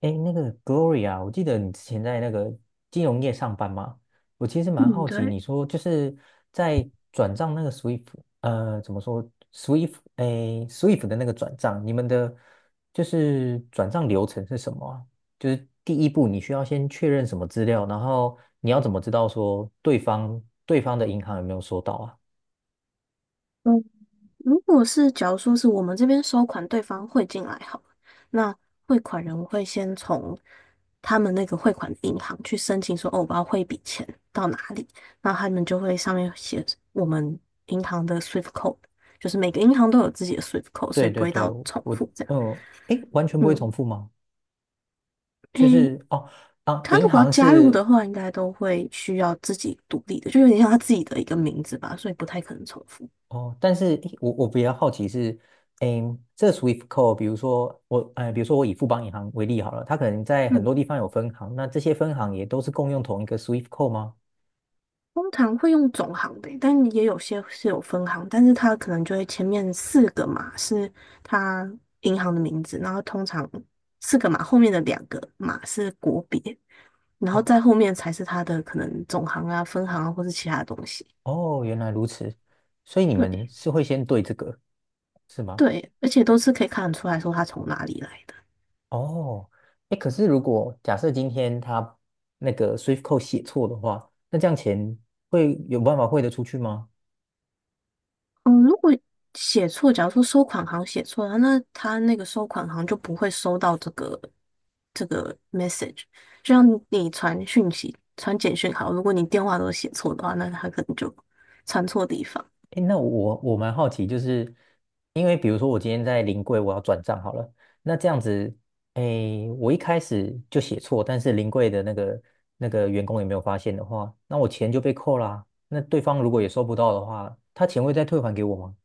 哎，那个 Gloria，我记得你之前在那个金融业上班嘛，我其实蛮嗯，好奇，对，你说就是在转账那个 SWIFT，怎么说 SWIFT，哎，SWIFT 的那个转账，你们的就是转账流程是什么啊？就是第一步你需要先确认什么资料，然后你要怎么知道说对方的银行有没有收到啊？嗯，如果是假如说是我们这边收款，对方汇进来好了，那汇款人我会先从他们那个汇款的银行去申请说，哦，我要汇一笔钱到哪里，那他们就会上面写我们银行的 SWIFT code，就是每个银行都有自己的 SWIFT code，所对以不对会对，到重我，复这样。嗯，哎，完全不会重嗯，复吗？就诶，是哦，啊，他如银果要行加入是的话，应该都会需要自己独立的，就有点像他自己的一个名字吧，所以不太可能重复。哦，但是诶我比较好奇是，诶，这 SWIFT code，比如说我，比如说我以富邦银行为例好了，它可能在很多嗯。地方有分行，那这些分行也都是共用同一个 SWIFT code 吗？通常会用总行的，但也有些是有分行，但是它可能就会前面四个码是它银行的名字，然后通常四个码后面的两个码是国别，然后哦再后面才是它的可能总行啊、分行啊或是其他东西。哦，原来如此，所以你们对是会先对这个是吗？对，而且都是可以看得出来说它从哪里来的。哦，哎，可是如果假设今天他那个 SWIFT code 写错的话，那这样钱会有办法汇得出去吗？嗯，如果写错，假如说收款行写错了，那他那个收款行就不会收到这个 message。就像你传讯息、传简讯好，如果你电话都写错的话，那他可能就传错地方。诶，那我蛮好奇，就是因为比如说我今天在临柜我要转账好了，那这样子，诶，我一开始就写错，但是临柜的那个员工也没有发现的话，那我钱就被扣啦。那对方如果也收不到的话，他钱会再退还给我吗？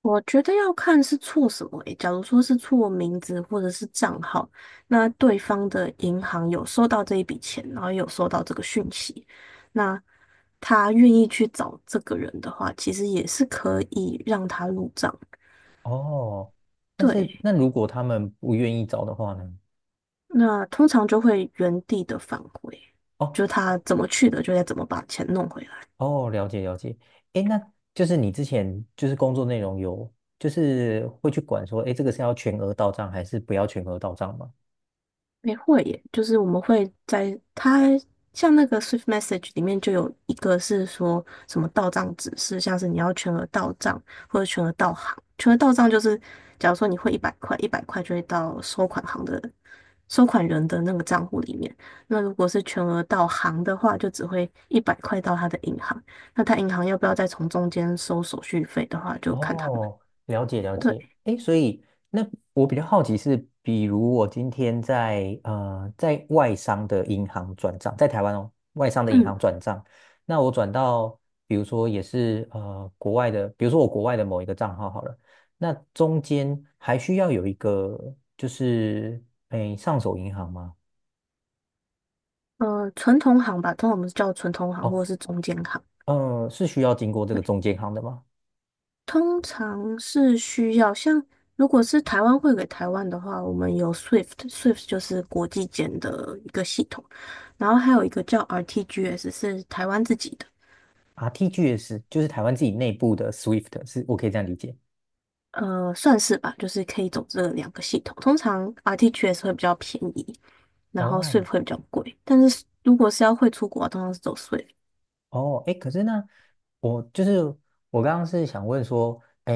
我觉得要看是错什么诶，假如说是错名字或者是账号，那对方的银行有收到这一笔钱，然后也有收到这个讯息，那他愿意去找这个人的话，其实也是可以让他入账。哦，但是对，那如果他们不愿意找的话呢？那通常就会原地的返回，哦就他怎么去的，就得怎么把钱弄回来。哦，了解了解。诶，那就是你之前就是工作内容有，就是会去管说，诶，这个是要全额到账还是不要全额到账吗？没会耶，就是我们会在它像那个 Swift Message 里面就有一个是说什么到账指示，像是你要全额到账或者全额到行。全额到账就是，假如说你汇一百块，一百块就会到收款行的收款人的那个账户里面。那如果是全额到行的话，就只会一百块到他的银行。那他银行要不要再从中间收手续费的话，就看他们。哦，了解了对，解。诶，所以那我比较好奇是，比如我今天在外商的银行转账，在台湾哦，外商的银嗯，行转账，那我转到比如说也是国外的，比如说我国外的某一个账号好了，那中间还需要有一个就是诶上手银行吗？纯同行吧，通常我们是叫纯同行哦，或者是中间行。嗯，是需要经过这个对。中间行的吗通常是需要，像如果是台湾汇给台湾的话，我们有 SWIFT，SWIFT 就是国际间的一个系统，然后还有一个叫 RTGS 是台湾自己的，？RTGS 就是台湾自己内部的 SWIFT，是我可以这样理解。算是吧，就是可以走这两个系统。通常 RTGS 会比较便宜，然后 SWIFT 哦，会比较贵，但是如果是要汇出国，通常是走 SWIFT。哦，哎，可是呢，我就是我刚刚是想问说，哎，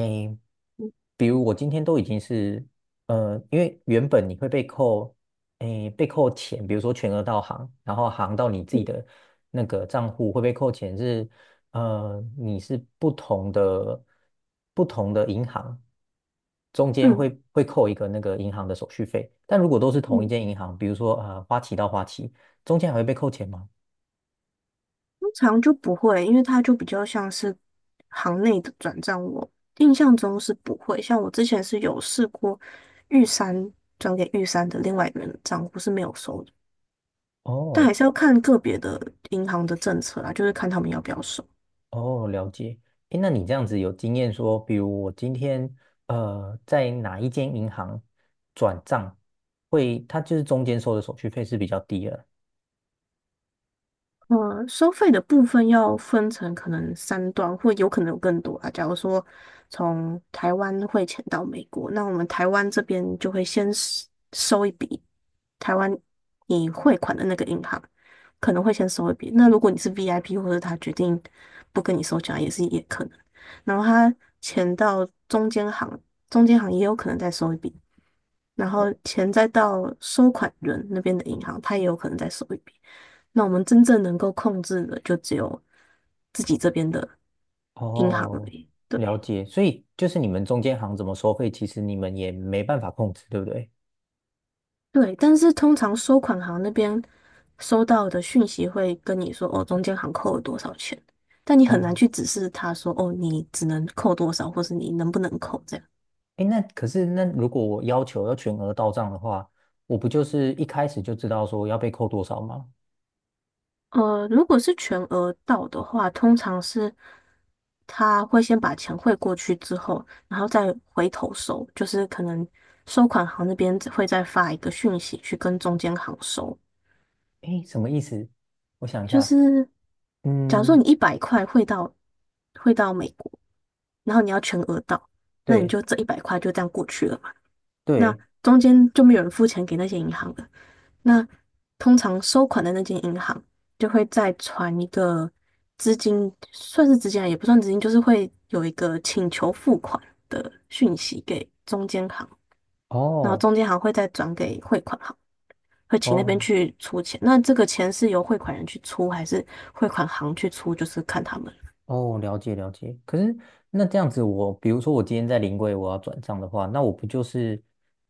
嗯比如我今天都已经是，因为原本你会被扣，哎，被扣钱，比如说全额到行，然后行到你自己的那个账户会被扣钱是，你是不同的银行中间嗯会扣一个那个银行的手续费，但如果都是同一嗯。间银行，比如说花旗到花旗，中间还会被扣钱吗？通常就不会，因为它就比较像是行内的转账，我印象中是不会。像我之前是有试过玉山转给玉山的另外一个人的账户是没有收的，但哦，还是要看个别的银行的政策啦，就是看他们要不要收。哦，了解。诶，那你这样子有经验说，比如我今天在哪一间银行转账，会它就是中间收的手续费是比较低了。收费的部分要分成可能三段，或有可能有更多啊。假如说从台湾汇钱到美国，那我们台湾这边就会先收一笔台湾你汇款的那个银行可能会先收一笔。那如果你是 VIP，或者他决定不跟你收钱啊，也是也可能。然后他钱到中间行，中间行也有可能再收一笔。然后哦，钱再到收款人那边的银行，他也有可能再收一笔。那我们真正能够控制的，就只有自己这边的银行而哦，已。对了解。所以就是你们中间行怎么收费，其实你们也没办法控制，对不对？对，但是通常收款行那边收到的讯息会跟你说，哦，中间行扣了多少钱，但你很难哦，去指示他说，哦，你只能扣多少，或是你能不能扣这样。诶，那可是那如果我要求要全额到账的话，我不就是一开始就知道说要被扣多少吗？如果是全额到的话，通常是他会先把钱汇过去之后，然后再回头收，就是可能收款行那边会再发一个讯息去跟中间行收。哎，什么意思？我想一就下，是假如说你嗯，一百块汇到美国，然后你要全额到，那你对就这一百块就这样过去了。那对。中间就没有人付钱给那些银行了。那通常收款的那间银行就会再传一个资金，算是资金啊，也不算资金，就是会有一个请求付款的讯息给中间行，然后哦，中间行会再转给汇款行，会请那边哦去出钱。那这个钱是由汇款人去出，还是汇款行去出，就是看他们。哦，了解了解。可是那这样子我，比如说我今天在临柜我要转账的话，那我不就是，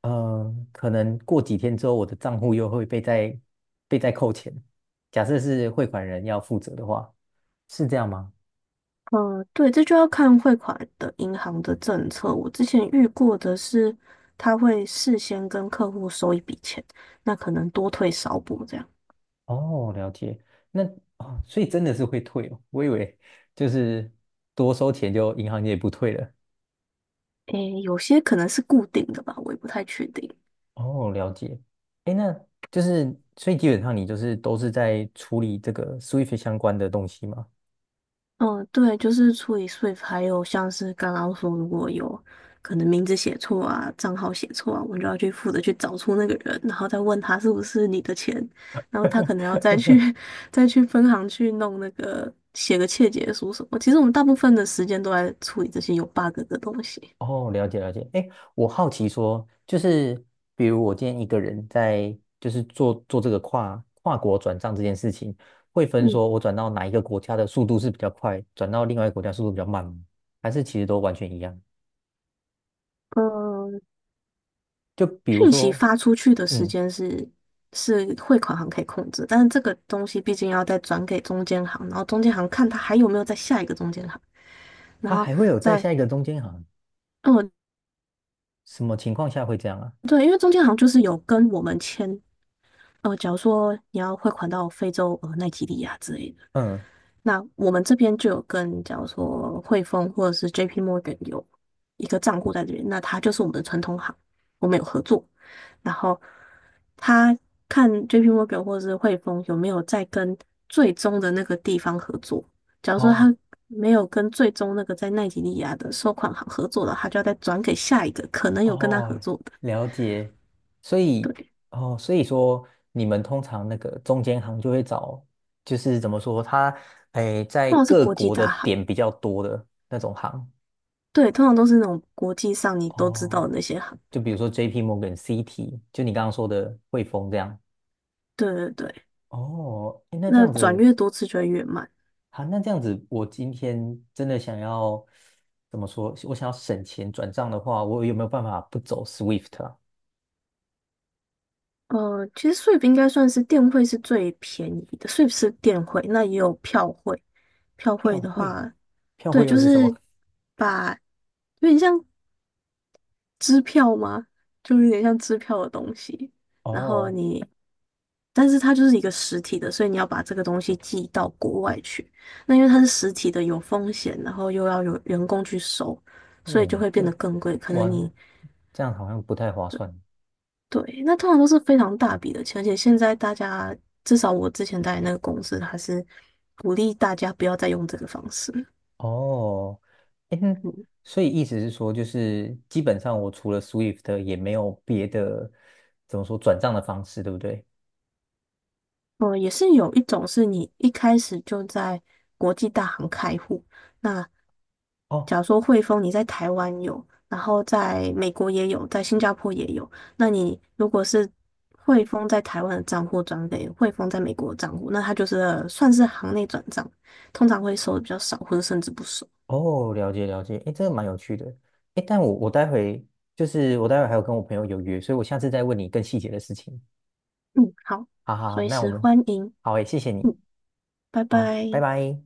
嗯，可能过几天之后我的账户又会被再扣钱。假设是汇款人要负责的话，是这样吗？嗯，对，这就要看汇款的银行的政策。我之前遇过的是，他会事先跟客户收一笔钱，那可能多退少补这样。哦，了解。那哦，所以真的是会退哦。我以为就是多收钱就银行也不退了。诶，有些可能是固定的吧，我也不太确定。哦，了解。哎，那就是所以基本上你就是都是在处理这个 Swift 相关的东西吗？嗯，对，就是处理 Swift，还有像是刚刚说，如果有可能名字写错啊、账号写错啊，我们就要去负责去找出那个人，然后再问他是不是你的钱，然后他可能要再去 再去分行去弄那个写个窃结书什么。其实我们大部分的时间都在处理这些有 bug 的东西。哦，了解了解。哎，我好奇说，就是比如我今天一个人在，就是做做这个跨国转账这件事情，会分嗯，说我转到哪一个国家的速度是比较快，转到另外一个国家速度比较慢吗？还是其实都完全一样？呃，就比如讯息说，发出去的时嗯，间是汇款行可以控制，但是这个东西毕竟要再转给中间行，然后中间行看他还有没有在下一个中间行。然他后还会有在再，下一个中间行，嗯，什么情况下会这样啊？对，因为中间好像就是有跟我们签，假如说你要汇款到非洲，奈及利亚之类的。嗯，那我们这边就有跟，假如说汇丰或者是 JP Morgan 有一个账户在这边，那它就是我们的传统行，我们有合作。然后他看 JP Morgan 或者是汇丰有没有在跟最终的那个地方合作。假如说哦他没有跟最终那个在奈及利亚的收款行合作的，他就要再转给下一个可能有跟他合哦，作的。了解。所以，对，哦，所以说你们通常那个中间行就会找，就是怎么说，它，哎，在通常是各国际国的大行，点比较多的那种行。对，通常都是那种国际上你都知道哦，的那些行。就比如说 JP Morgan、CT，就你刚刚说的汇丰这样。对对对。哦，诶那这那样转子，越多次就会越慢。好，那这样子，我今天真的想要怎么说？我想要省钱转账的话，我有没有办法不走 Swift 啊？其实 s w 应该算是电汇是最便宜的 s w 是电汇，那也有票汇。票汇票的汇，话，票汇对，又就是什么？是把有点像支票吗？就有点像支票的东西。然后哦，你，但是它就是一个实体的，所以你要把这个东西寄到国外去。那因为它是实体的，有风险，然后又要有员工去收，所以就哦，会变得更贵。可能你。完这样好像不太划算对，那通常都是非常大笔的钱，而且现在大家至少我之前待的那个公司，它是鼓励大家不要再用这个方式。哦。诶，那嗯，所以意思是说，就是基本上我除了 Swift 也没有别的怎么说转账的方式，对不对？也是有一种是你一开始就在国际大行开户，那哦假如说汇丰你在台湾有，然后在美国也有，在新加坡也有，那你如果是汇丰在台湾的账户转给汇丰在美国的账户，那它就是算是行内转账，通常会收的比较少，或者甚至不收。哦，了解了解，哎，这个蛮有趣的。哎，但我待会还有跟我朋友有约，所以我下次再问你更细节的事情。嗯，好，好好，好随那我时们欢迎。好诶，谢谢你，嗯，拜好，拜拜。拜。